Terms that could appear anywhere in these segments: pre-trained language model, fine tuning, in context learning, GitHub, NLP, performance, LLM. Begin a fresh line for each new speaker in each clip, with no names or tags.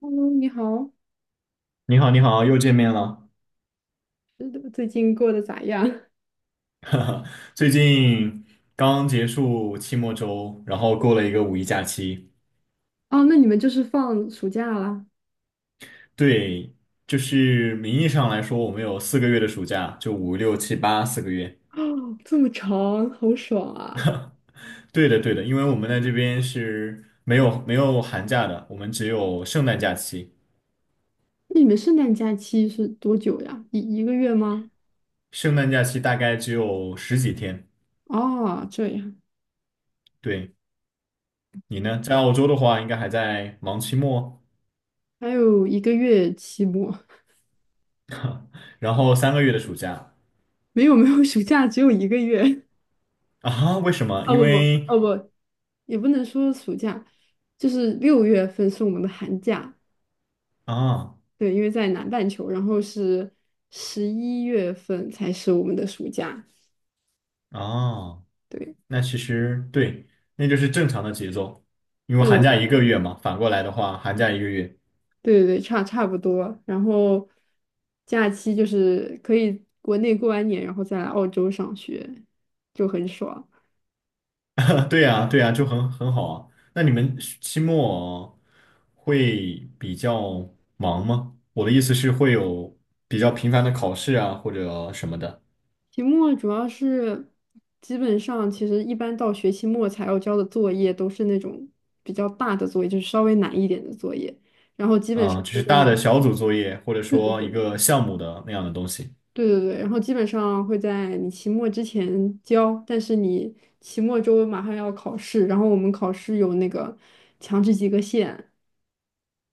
喽，你好，
你好，你好，又见面了。
最近过得咋样？
最近刚结束期末周，然后过了一个五一假期。
哦，那你们就是放暑假啦？
对，就是名义上来说，我们有四个月的暑假，就5、6、7、8四个月。
哦，这么长，好爽啊！
对的，对的，因为我们在这边是没有寒假的，我们只有圣诞假期。
那你们圣诞假期是多久呀？一个月吗？
圣诞假期大概只有十几天。
哦，这样，
对，你呢？在澳洲的话，应该还在忙期末，
还有一个月期末，
然后3个月的暑假
没有没有，暑假只有一个月。
啊？为什 么？
哦
因
不不
为
哦不，也不能说暑假，就是6月份是我们的寒假，
啊
对，因为在南半球，然后是11月份才是我们的暑假，
啊。
对。
那其实对，那就是正常的节奏，因为寒假
对
一个月嘛，反过来的话，寒假一个月，
对对对，差不多。然后假期就是可以国内过完年，然后再来澳洲上学，就很爽。
对呀，对呀，就很好啊。那你们期末会比较忙吗？我的意思是会有比较频繁的考试啊，或者什么的，
期末主要是基本上，其实一般到学期末才要交的作业都是那种比较大的作业，就是稍微难一点的作业。然后基本上
嗯，就
都
是
在，
大的小组作业，或者
对对
说一
对。
个项目的那样的东西
对对对，然后基本上会在你期末之前交，但是你期末周马上要考试，然后我们考试有那个强制及格线。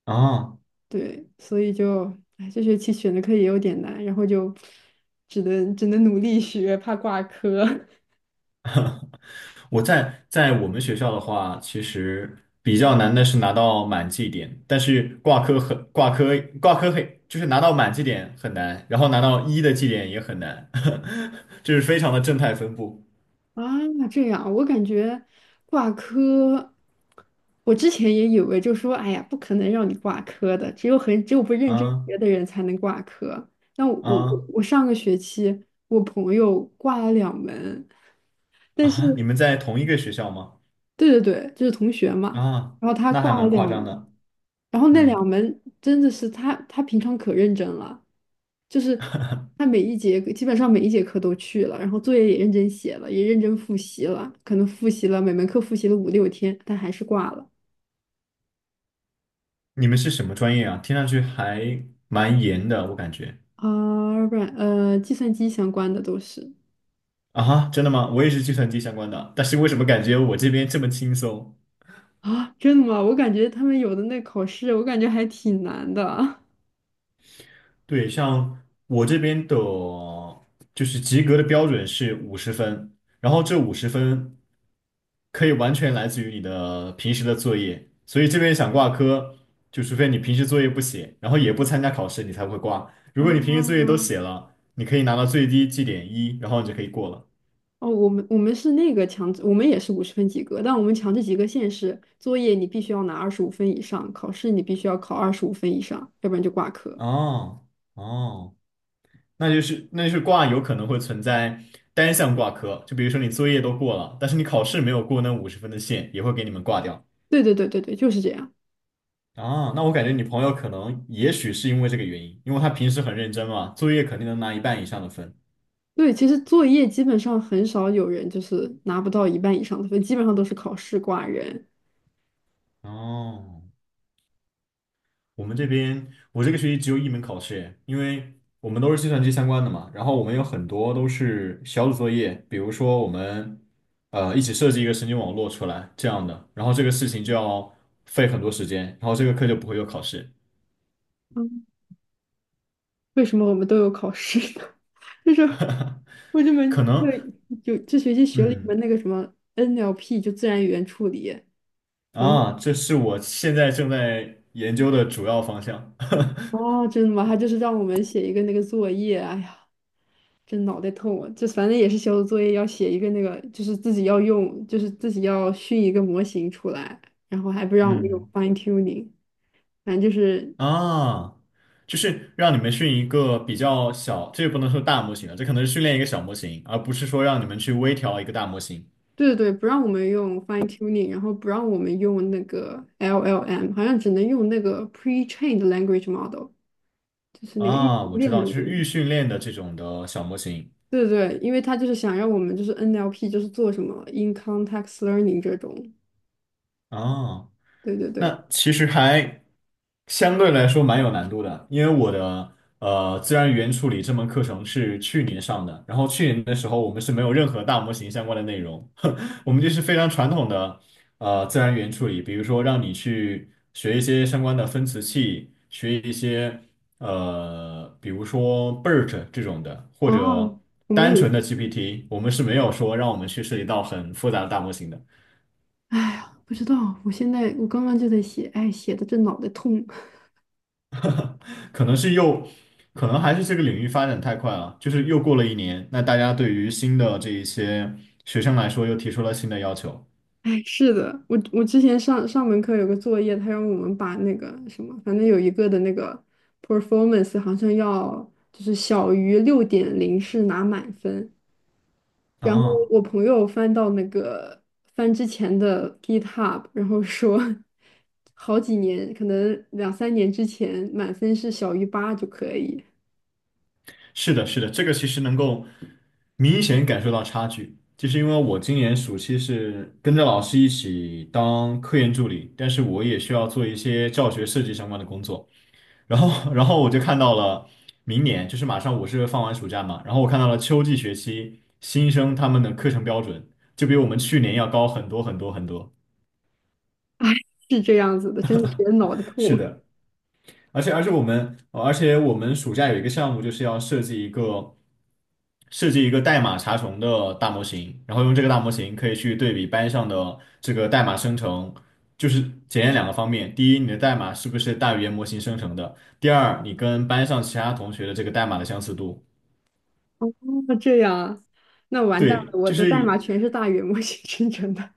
啊。
对，所以就，哎，这学期选的课也有点难，然后就只能努力学，怕挂科
我在我们学校的话，其实比较难的是拿到满绩点，但是挂科很挂科挂科很就是拿到满绩点很难，然后拿到一的绩点也很难，就是非常的正态分布
啊。这样，我感觉挂科，我之前也以为就说，哎呀，不可能让你挂科的，只有不认真学
啊
的人才能挂科。那我我
啊
我上个学期我朋友挂了两门，但是
啊！你们在同一个学校吗？
对对对，就是同学嘛，
啊，
然后他
那还
挂了
蛮
两
夸张
门，
的。
然后那两
嗯，
门真的是他平常可认真了。就是他每一节基本上每一节课都去了，然后作业也认真写了，也认真复习了，可能复习了每门课复习了五六天，但还是挂了。
你们是什么专业啊？听上去还蛮严的，我感觉。
啊，不然计算机相关的都是
啊哈，真的吗？我也是计算机相关的，但是为什么感觉我这边这么轻松？
啊，真的吗？我感觉他们有的那考试，我感觉还挺难的 啊。
对，像我这边的，就是及格的标准是五十分，然后这五十分可以完全来自于你的平时的作业，所以这边想挂科，就除非你平时作业不写，然后也不参加考试，你才会挂。如果你平时作业都写了，你可以拿到最低绩点一，然后你就可以过了。
哦，我们是那个强制，我们也是50分及格，但我们强制及格线是作业你必须要拿二十五分以上，考试你必须要考二十五分以上，要不然就挂科。
哦哦，那就是挂有可能会存在单项挂科，就比如说你作业都过了，但是你考试没有过那五十分的线，也会给你们挂掉。
对对对对对，就是这样。
啊，那我感觉你朋友可能也许是因为这个原因，因为他平时很认真嘛，作业肯定能拿一半以上的分。
对，其实作业基本上很少有人就是拿不到一半以上的分，基本上都是考试挂人。
哦，我们这边我这个学期只有一门考试耶，因为我们都是计算机相关的嘛，然后我们有很多都是小组作业，比如说我们一起设计一个神经网络出来这样的，然后这个事情就要费很多时间，然后这个课就不会有考试，
嗯，为什么我们都有考试呢？就是我这
可
门课
能
有这学期学了一
嗯
门那个什么 NLP，就自然语言处理。然后
啊，这是我现在正在研究的主要方向。
哦，真的吗？他就是让我们写一个那个作业，哎呀，真脑袋痛啊！就反正也是小组作业，要写一个那个，就是自己要用，就是自己要训一个模型出来，然后还不让我们用
嗯
fine tuning，反正就是。
啊，就是让你们训一个比较小，这也不能说大模型了，这可能是训练一个小模型，而不是说让你们去微调一个大模型
对对对，不让我们用 fine tuning，然后不让我们用那个 LLM，好像只能用那个 pre-trained language model，就是那个预训
啊。我知
练的
道，就
那个。
是预训练的这种的小模型
对对对，因为他就是想让我们就是 NLP 就是做什么 in context learning 这种。
啊。
对对对。
那其实还相对来说蛮有难度的，因为我的自然语言处理这门课程是去年上的，然后去年的时候我们是没有任何大模型相关的内容，我们就是非常传统的自然语言处理，比如说让你去学一些相关的分词器，学一些比如说 BERT 这种的，或
哦，
者
我们
单
也，
纯的 GPT，我们是没有说让我们去涉及到很复杂的大模型的。
哎呀，不知道，我刚刚就在写，哎，写的这脑袋痛。
可能是又，可能还是这个领域发展太快了，就是又过了一年，那大家对于新的这一些学生来说又提出了新的要求。
哎，是的，我之前上上门课有个作业，他让我们把那个什么，反正有一个的那个 performance 好像要就是小于6.0是拿满分。然后
啊，
我朋友翻到那个翻之前的 GitHub，然后说好几年，可能两三年之前满分是小于8就可以。
是的，是的，这个其实能够明显感受到差距，就是因为我今年暑期是跟着老师一起当科研助理，但是我也需要做一些教学设计相关的工作。然后，然后我就看到了明年，就是马上我是放完暑假嘛，然后我看到了秋季学期新生他们的课程标准就比我们去年要高很多。
哎，是这样子的，真的是脑袋痛。
是的，而且我们暑假有一个项目就是要设计一个代码查重的大模型，然后用这个大模型可以去对比班上的这个代码生成，就是检验2个方面，第一，你的代码是不是大语言模型生成的，第二，你跟班上其他同学的这个代码的相似度。
哦，这样啊，那完蛋
对，
了，我
就
的
是
代码
以
全是大语言模型 生成的。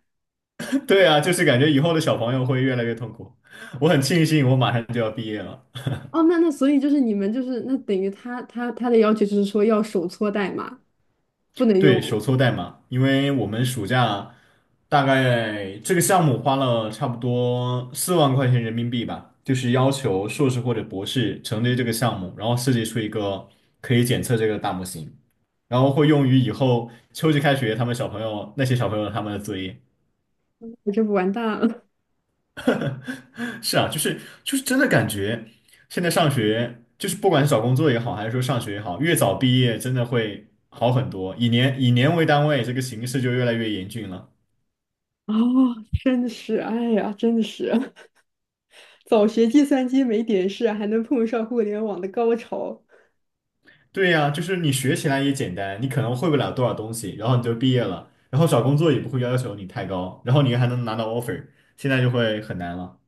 对啊，就是感觉以后的小朋友会越来越痛苦。我很庆幸我马上就要毕业了。
哦，那所以就是你们就是那等于他的要求就是说要手搓代码，不能
对，手
用，
搓代码，因为我们暑假大概这个项目花了差不多4万块钱人民币吧，就是要求硕士或者博士承接这个项目，然后设计出一个可以检测这个大模型，然后会用于以后秋季开学他们小朋友那些小朋友他们的作业。
我这不完蛋了。
是啊，就是真的感觉，现在上学就是不管是找工作也好，还是说上学也好，越早毕业真的会好很多。以年为单位，这个形势就越来越严峻了。
哦，真的是，哎呀，真的是，早学计算机没点事，还能碰上互联网的高潮。
对呀，就是你学起来也简单，你可能会不了多少东西，然后你就毕业了，然后找工作也不会要求你太高，然后你还能拿到 offer，现在就会很难了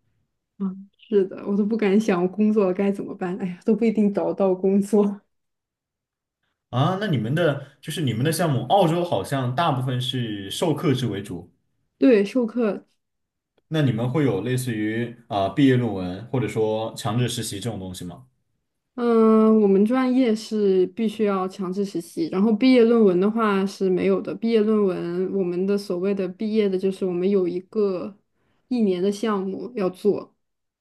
嗯，是的，我都不敢想我工作该怎么办，哎呀，都不一定找到工作。
啊。那你们的就是你们的项目，澳洲好像大部分是授课制为主，
对，授课
那你们会有类似于啊、毕业论文或者说强制实习这种东西吗？
嗯，我们专业是必须要强制实习，然后毕业论文的话是没有的。毕业论文，我们的所谓的毕业的，就是我们有一个一年的项目要做，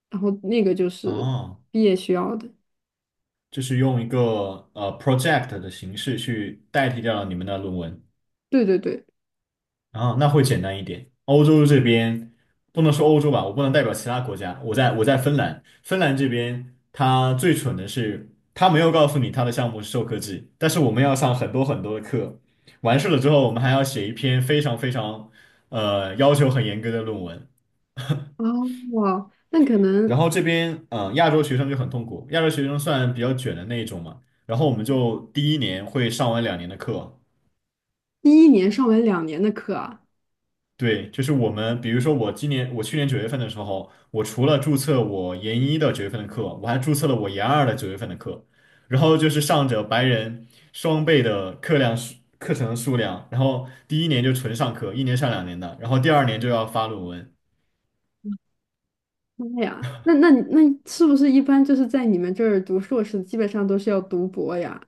然后那个就是
哦，
毕业需要的。
就是用一个project 的形式去代替掉了你们的论文，
对对对，
啊，那会简单一点。欧洲这边不能说欧洲吧，我不能代表其他国家。我在芬兰，芬兰这边他最蠢的是，他没有告诉你他的项目是授课制，但是我们要上很多很多的课，完事了之后，我们还要写一篇非常非常要求很严格的论文。
哦，哇，那可
然
能
后这边嗯、亚洲学生就很痛苦，亚洲学生算比较卷的那一种嘛。然后我们就第一年会上完2年的课，
第一年上完2年的课啊，
对，就是我们，比如说我今年，我去年九月份的时候，我除了注册我研一的九月份的课，我还注册了我研二的九月份的课，然后就是上着白人双倍的课程数量，然后第一年就纯上课，一年上两年的，然后第二年就要发论文。
妈呀，那是不是一般就是在你们这儿读硕士，基本上都是要读博呀？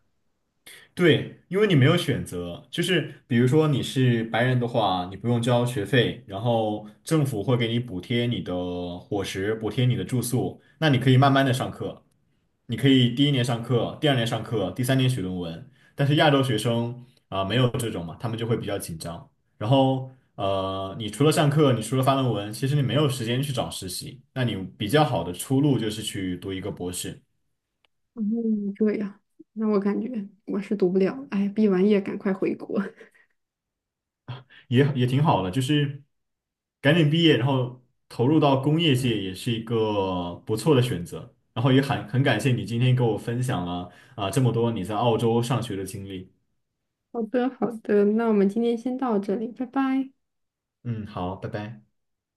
对，因为你没有选择，就是比如说你是白人的话，你不用交学费，然后政府会给你补贴你的伙食，补贴你的住宿，那你可以慢慢的上课，你可以第一年上课，第二年上课，第三年写论文。但是亚洲学生啊、没有这种嘛，他们就会比较紧张。然后你除了上课，你除了发论文，其实你没有时间去找实习，那你比较好的出路就是去读一个博士。
嗯，这样，那我感觉我是读不了，哎，毕完业赶快回国。
也挺好的，就是赶紧毕业，然后投入到工业界也是一个不错的选择。然后也很感谢你今天跟我分享了啊、这么多你在澳洲上学的经历。
好的，好的，那我们今天先到这里，拜拜。
嗯，好，拜拜。